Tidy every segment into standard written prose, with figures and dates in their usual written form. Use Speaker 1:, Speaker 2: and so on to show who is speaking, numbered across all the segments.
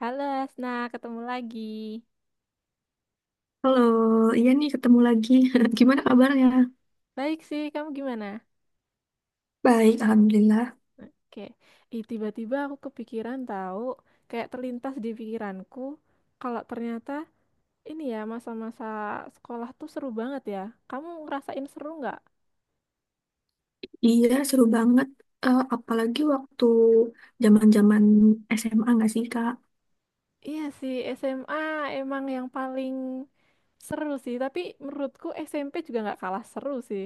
Speaker 1: Halo Asna, ketemu lagi.
Speaker 2: Halo, iya nih ketemu lagi. Gimana kabarnya?
Speaker 1: Baik sih, kamu gimana?
Speaker 2: Baik, alhamdulillah.
Speaker 1: Oke, ih tiba-tiba aku kepikiran tahu, kayak terlintas di pikiranku, kalau ternyata ini ya masa-masa sekolah tuh seru banget ya. Kamu ngerasain seru nggak?
Speaker 2: Iya, seru banget. Apalagi waktu zaman-zaman SMA nggak sih, Kak?
Speaker 1: Iya sih, SMA emang yang paling seru sih, tapi menurutku SMP juga nggak kalah seru sih.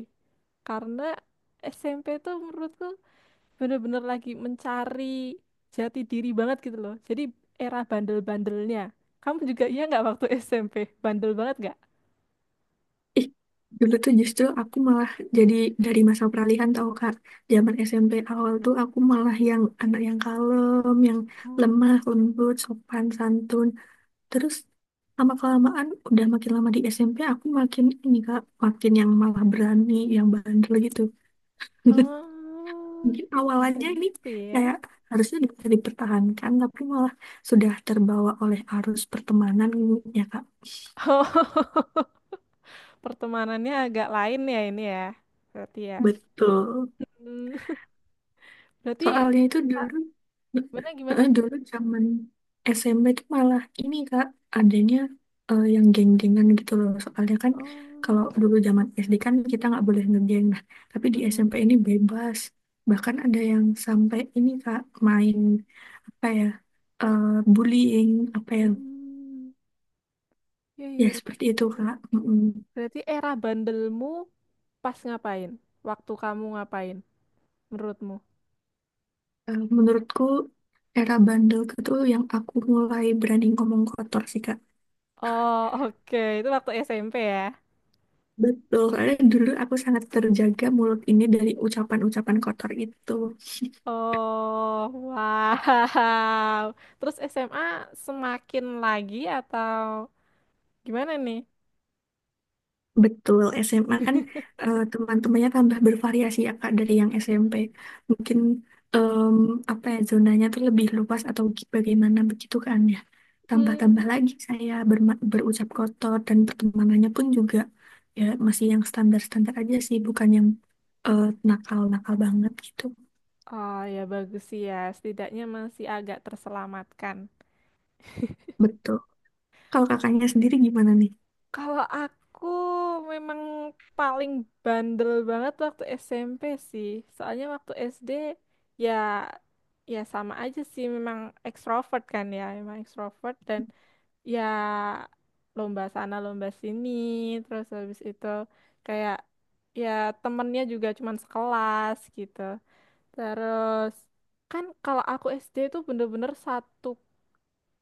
Speaker 1: Karena SMP tuh menurutku bener-bener lagi mencari jati diri banget gitu loh. Jadi era bandel-bandelnya. Kamu juga iya nggak waktu SMP? Bandel banget nggak?
Speaker 2: Ih, dulu tuh justru aku malah jadi dari masa peralihan tau, Kak. Zaman SMP awal tuh aku malah yang anak yang kalem, yang
Speaker 1: Oh,
Speaker 2: lemah, lembut, sopan, santun. Terus lama-kelamaan udah makin lama di SMP aku makin ini, Kak, makin yang malah berani, yang bandel gitu.
Speaker 1: oh,
Speaker 2: Mungkin
Speaker 1: bisa
Speaker 2: awalannya ini
Speaker 1: gitu ya.
Speaker 2: kayak harusnya bisa dipertahankan, tapi malah sudah terbawa oleh arus pertemanan ya Kak.
Speaker 1: Oh, pertemanannya agak lain ya ini ya. Berarti ya.
Speaker 2: Betul.
Speaker 1: Hmm, berarti
Speaker 2: Soalnya itu
Speaker 1: Kak, gimana gimana?
Speaker 2: dulu zaman SMP itu malah ini Kak, adanya yang geng-gengan gitu loh. Soalnya kan
Speaker 1: Oh,
Speaker 2: kalau dulu zaman SD kan kita nggak boleh ngegeng, nah tapi di
Speaker 1: mm-mm.
Speaker 2: SMP ini bebas. Bahkan ada yang sampai ini Kak, main apa ya, eh, bullying, apa ya.
Speaker 1: Hmm, ya, ya,
Speaker 2: Ya,
Speaker 1: ya.
Speaker 2: seperti itu, Kak. Mm-mm.
Speaker 1: Berarti era bandelmu pas ngapain? Waktu kamu ngapain? Menurutmu?
Speaker 2: Menurutku, era bandel itu yang aku mulai berani ngomong kotor sih, Kak.
Speaker 1: Oh, oke. Itu waktu SMP ya.
Speaker 2: Betul, karena dulu aku sangat terjaga mulut ini dari ucapan-ucapan kotor itu.
Speaker 1: Oh, wow. Terus SMA semakin lagi atau gimana nih?
Speaker 2: Betul, SMA kan teman-temannya tambah bervariasi ya Kak dari yang SMP. Mungkin em, apa ya zonanya tuh lebih luas atau bagaimana begitu kan ya.
Speaker 1: Hmm,
Speaker 2: Tambah-tambah lagi saya berucap kotor dan pertemanannya pun juga ya masih yang standar-standar aja sih, bukan yang eh, nakal-nakal banget gitu.
Speaker 1: oh, ya bagus sih ya. Setidaknya masih agak terselamatkan.
Speaker 2: Betul. Kalau kakaknya sendiri gimana nih?
Speaker 1: Kalau aku memang paling bandel banget waktu SMP sih. Soalnya waktu SD, ya, ya sama aja sih, memang ekstrovert kan ya, memang ekstrovert dan ya lomba sana lomba sini terus habis itu, kayak, ya temennya juga cuman sekelas gitu. Terus kan, kalau aku SD itu bener-bener satu,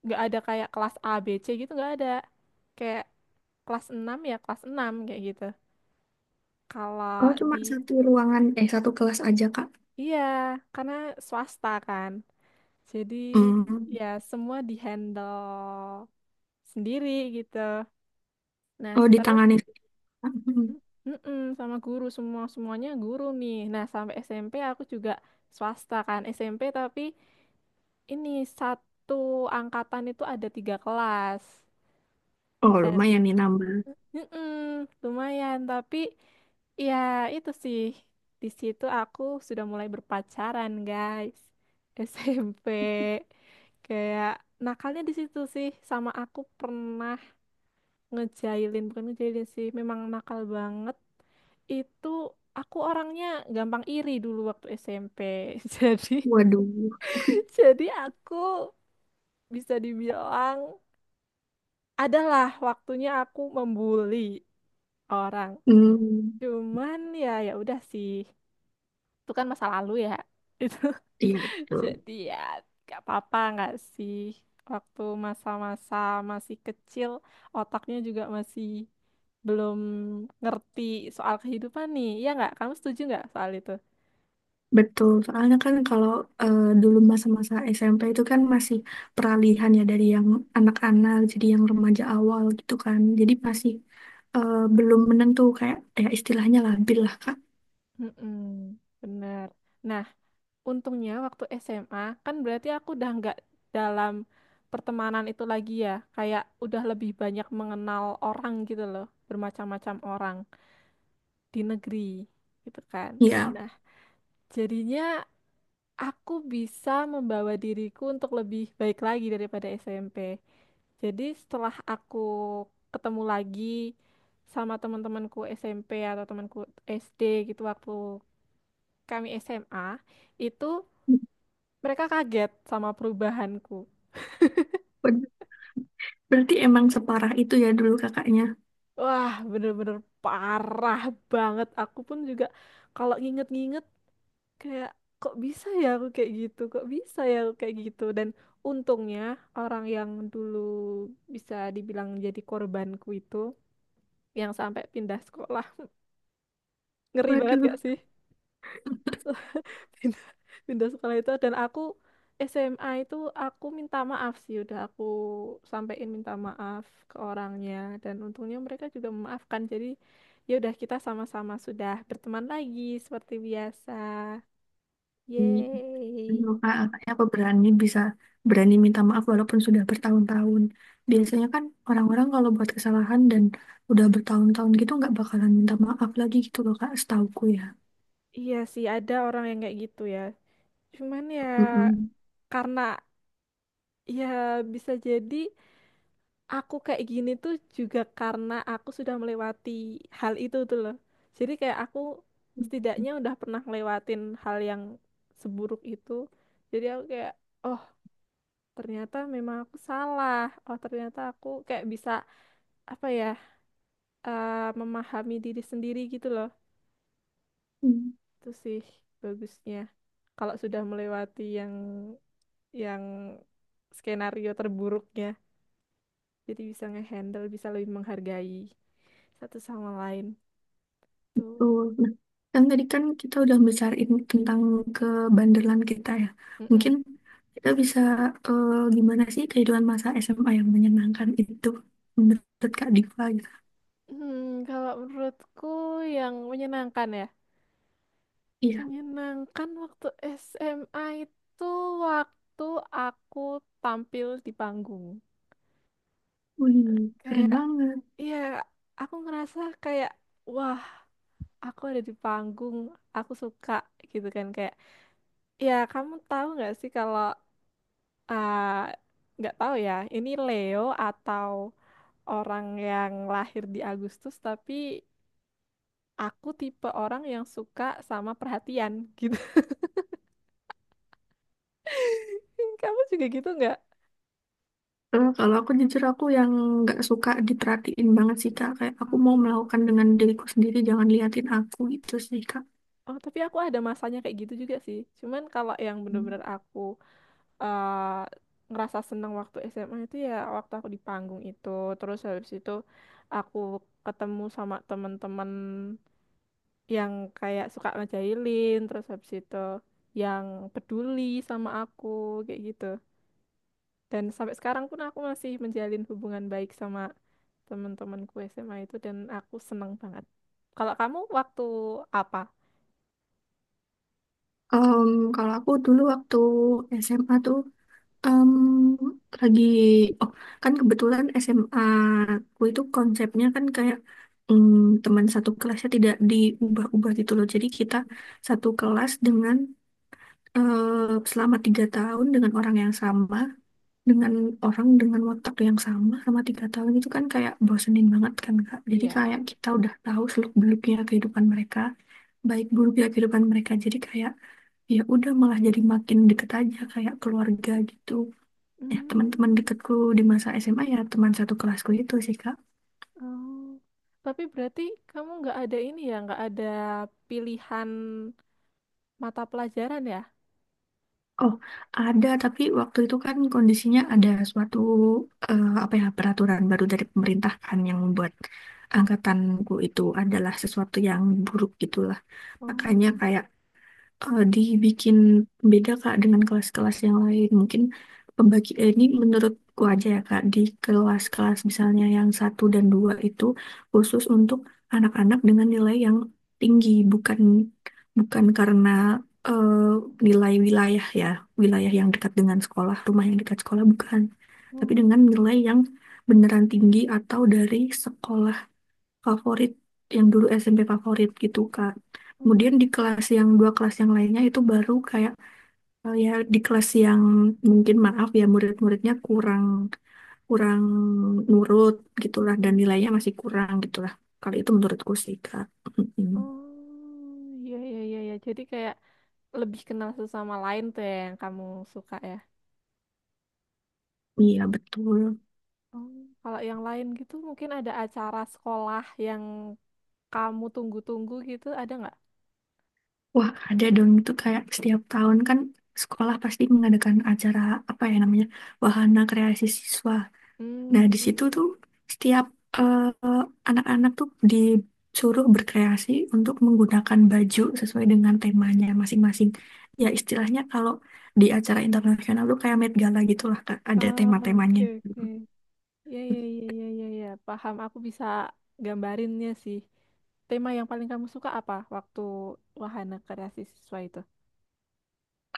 Speaker 1: nggak ada kayak kelas A B C gitu, nggak ada kayak kelas 6 ya kelas 6 kayak gitu kalau
Speaker 2: Oh,
Speaker 1: di
Speaker 2: cuma satu ruangan, eh satu kelas aja Kak.
Speaker 1: iya karena swasta kan, jadi
Speaker 2: Hmm.
Speaker 1: ya semua dihandle sendiri gitu. Nah
Speaker 2: Oh,
Speaker 1: terus,
Speaker 2: ditangani. Hmm.
Speaker 1: mm-mm, sama guru semua, semuanya guru nih. Nah, sampai SMP aku juga swasta kan, SMP tapi ini satu angkatan itu ada tiga kelas
Speaker 2: Oh,
Speaker 1: dan
Speaker 2: lumayan nih nambah.
Speaker 1: mm-mm, lumayan tapi ya itu sih, di situ aku sudah mulai berpacaran guys. SMP kayak nakalnya di situ sih, sama aku pernah ngejailin, bukan ngejailin sih, memang nakal banget itu. Aku orangnya gampang iri dulu waktu SMP jadi
Speaker 2: Waduh,
Speaker 1: jadi aku bisa dibilang adalah waktunya aku membuli orang.
Speaker 2: hmm,
Speaker 1: Cuman ya ya udah sih, itu kan masa lalu ya
Speaker 2: iya betul.
Speaker 1: Jadi ya gak apa-apa nggak sih waktu masa-masa masih kecil, otaknya juga masih belum ngerti soal kehidupan nih. Iya nggak? Kamu setuju nggak soal itu?
Speaker 2: Betul, soalnya kan kalau dulu masa-masa SMP itu kan masih peralihan ya dari yang anak-anak jadi yang remaja awal gitu kan. Jadi masih belum menentu kayak ya istilahnya labil lah Kak.
Speaker 1: Mm-mm, bener. Nah, untungnya waktu SMA kan berarti aku udah nggak dalam pertemanan itu lagi ya. Kayak udah lebih banyak mengenal orang gitu loh, bermacam-macam orang di negeri gitu kan.
Speaker 2: Iya,
Speaker 1: Nah, jadinya aku bisa membawa diriku untuk lebih baik lagi daripada SMP. Jadi setelah aku ketemu lagi sama teman-temanku SMP atau temanku SD gitu waktu kami SMA, itu mereka kaget sama perubahanku.
Speaker 2: ber- berarti emang separah itu ya dulu kakaknya.
Speaker 1: Wah, bener-bener parah banget. Aku pun juga kalau nginget-nginget kayak, kok bisa ya aku kayak gitu kok bisa ya aku kayak gitu. Dan untungnya orang yang dulu bisa dibilang jadi korbanku itu yang sampai pindah sekolah ngeri banget gak
Speaker 2: Waduh.
Speaker 1: sih pindah pindah sekolah itu, dan aku SMA itu aku minta maaf sih, udah aku sampein minta maaf ke orangnya, dan untungnya mereka juga memaafkan. Jadi ya udah, kita sama-sama sudah berteman lagi seperti biasa, yeay.
Speaker 2: Aduh, Kak, kakaknya apa berani bisa berani minta maaf walaupun sudah bertahun-tahun. Biasanya kan orang-orang kalau buat kesalahan dan udah bertahun-tahun gitu nggak bakalan minta maaf lagi gitu loh Kak, setauku ya.
Speaker 1: Iya sih, ada orang yang kayak gitu ya. Cuman ya
Speaker 2: Mm-mm.
Speaker 1: karena ya bisa jadi aku kayak gini tuh juga karena aku sudah melewati hal itu tuh loh. Jadi kayak aku setidaknya udah pernah ngelewatin hal yang seburuk itu. Jadi aku kayak, oh ternyata memang aku salah. Oh ternyata aku kayak bisa apa ya eh, memahami diri sendiri gitu loh.
Speaker 2: Mm.
Speaker 1: Itu sih bagusnya kalau sudah melewati yang skenario terburuknya. Jadi bisa ngehandle, bisa lebih menghargai satu sama lain. Tuh.
Speaker 2: Tuh. Nah, kan tadi kan kita udah bicarain tentang kebandelan kita ya. Mungkin
Speaker 1: Mm-mm.
Speaker 2: kita bisa eh, gimana sih kehidupan masa SMA yang menyenangkan itu menurut Kak Diva gitu.
Speaker 1: Hmm, kalau menurutku yang menyenangkan ya.
Speaker 2: Iya,
Speaker 1: Menyenangkan waktu SMA itu waktu aku tampil di panggung.
Speaker 2: wih, keren
Speaker 1: Kayak,
Speaker 2: banget.
Speaker 1: ya aku ngerasa kayak, wah aku ada di panggung, aku suka gitu kan. Kayak, ya kamu tahu nggak sih kalau, ah, nggak tahu ya, ini Leo atau orang yang lahir di Agustus, tapi aku tipe orang yang suka sama perhatian gitu. Kamu juga gitu nggak?
Speaker 2: Kalau aku jujur aku yang nggak suka diperhatiin banget sih, Kak. Kayak aku mau
Speaker 1: Oh.
Speaker 2: melakukan dengan diriku sendiri, jangan liatin aku gitu sih, Kak.
Speaker 1: Oh, tapi aku ada masanya kayak gitu juga sih. Cuman kalau yang bener-bener
Speaker 2: Hmm.
Speaker 1: aku eh, ngerasa seneng waktu SMA itu ya waktu aku di panggung itu. Terus habis itu aku ketemu sama temen-temen yang kayak suka ngejailin, terus habis itu yang peduli sama aku kayak gitu. Dan sampai sekarang pun aku masih menjalin hubungan baik sama teman-temanku SMA itu dan aku seneng banget kalau kamu waktu apa,
Speaker 2: Em, Kalau aku dulu waktu SMA tuh em, lagi, oh kan kebetulan SMA aku itu konsepnya kan kayak em, teman satu kelasnya tidak diubah-ubah gitu loh. Jadi kita satu kelas dengan selama 3 tahun dengan orang yang sama. Dengan orang dengan watak yang sama sama 3 tahun itu kan kayak bosenin banget kan Kak. Jadi
Speaker 1: iya.
Speaker 2: kayak kita udah tahu seluk-beluknya kehidupan mereka, baik buruknya kehidupan mereka. Jadi kayak ya udah malah jadi makin deket aja kayak keluarga gitu. Ya teman-teman
Speaker 1: Hmm,
Speaker 2: deketku di masa SMA ya teman satu kelasku itu sih Kak.
Speaker 1: oh. Tapi berarti kamu nggak ada ini ya, nggak ada pilihan mata pelajaran ya?
Speaker 2: Oh, ada tapi waktu itu kan kondisinya ada suatu apa ya peraturan baru dari pemerintah kan yang membuat angkatanku itu adalah sesuatu yang buruk gitulah.
Speaker 1: Oh,
Speaker 2: Makanya kayak dibikin beda Kak dengan kelas-kelas yang lain. Mungkin ini menurutku aja ya Kak, di kelas-kelas misalnya yang satu dan dua itu khusus untuk anak-anak dengan nilai yang tinggi, bukan bukan karena eh, nilai wilayah ya, wilayah yang dekat dengan sekolah, rumah yang dekat sekolah bukan, tapi
Speaker 1: oh,
Speaker 2: dengan nilai yang beneran tinggi atau dari sekolah favorit yang dulu SMP favorit gitu Kak.
Speaker 1: oh.
Speaker 2: Kemudian di kelas yang dua kelas yang lainnya itu baru kayak ya di kelas yang mungkin maaf ya murid-muridnya kurang kurang nurut gitulah dan
Speaker 1: Mm-mm.
Speaker 2: nilainya masih kurang gitulah. Kalau itu menurutku sih Kak. Mm-mm.
Speaker 1: Oh, iya, iya, iya, iya. Jadi kayak lebih kenal sesama lain tuh ya yang kamu suka ya.
Speaker 2: Iya betul.
Speaker 1: Oh, kalau yang lain gitu mungkin ada acara sekolah yang kamu tunggu-tunggu gitu, ada nggak?
Speaker 2: Wah ada dong itu kayak setiap tahun kan sekolah pasti mengadakan acara apa ya namanya wahana kreasi siswa. Nah,
Speaker 1: Hmm,
Speaker 2: di situ
Speaker 1: mm.
Speaker 2: tuh setiap eh, anak-anak tuh disuruh berkreasi untuk menggunakan baju sesuai dengan temanya masing-masing. Ya, istilahnya kalau di acara internasional tuh kayak Met Gala gitu lah, Kak. Ada
Speaker 1: Oh,
Speaker 2: tema-temanya.
Speaker 1: oke, oke. Iya, iya, iya, iya, iya, iya. Paham, aku bisa gambarinnya sih. Tema yang paling kamu suka apa waktu wahana kreasi siswa itu?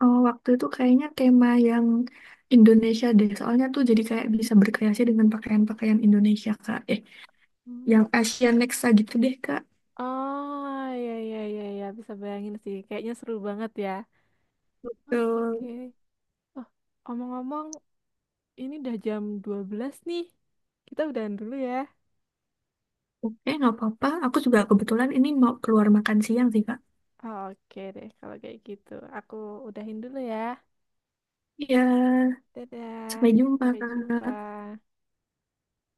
Speaker 2: Oh, waktu itu kayaknya tema yang Indonesia deh. Soalnya tuh jadi kayak bisa berkreasi dengan pakaian-pakaian Indonesia, Kak.
Speaker 1: Hmm.
Speaker 2: Yang Asian Nexa gitu deh, Kak.
Speaker 1: Oh, iya, iya, iya, iya. Bisa bayangin sih. Kayaknya seru banget ya.
Speaker 2: Eh,
Speaker 1: Oke. Oh, omong-omong, ini udah jam 12 nih. Kita udahan dulu ya.
Speaker 2: oke, nggak apa-apa. Aku juga kebetulan ini mau keluar makan siang sih, Kak.
Speaker 1: Oke deh, kalau kayak gitu. Aku udahin dulu ya.
Speaker 2: Iya. Sampai
Speaker 1: Dadah.
Speaker 2: jumpa,
Speaker 1: Sampai jumpa.
Speaker 2: Kak.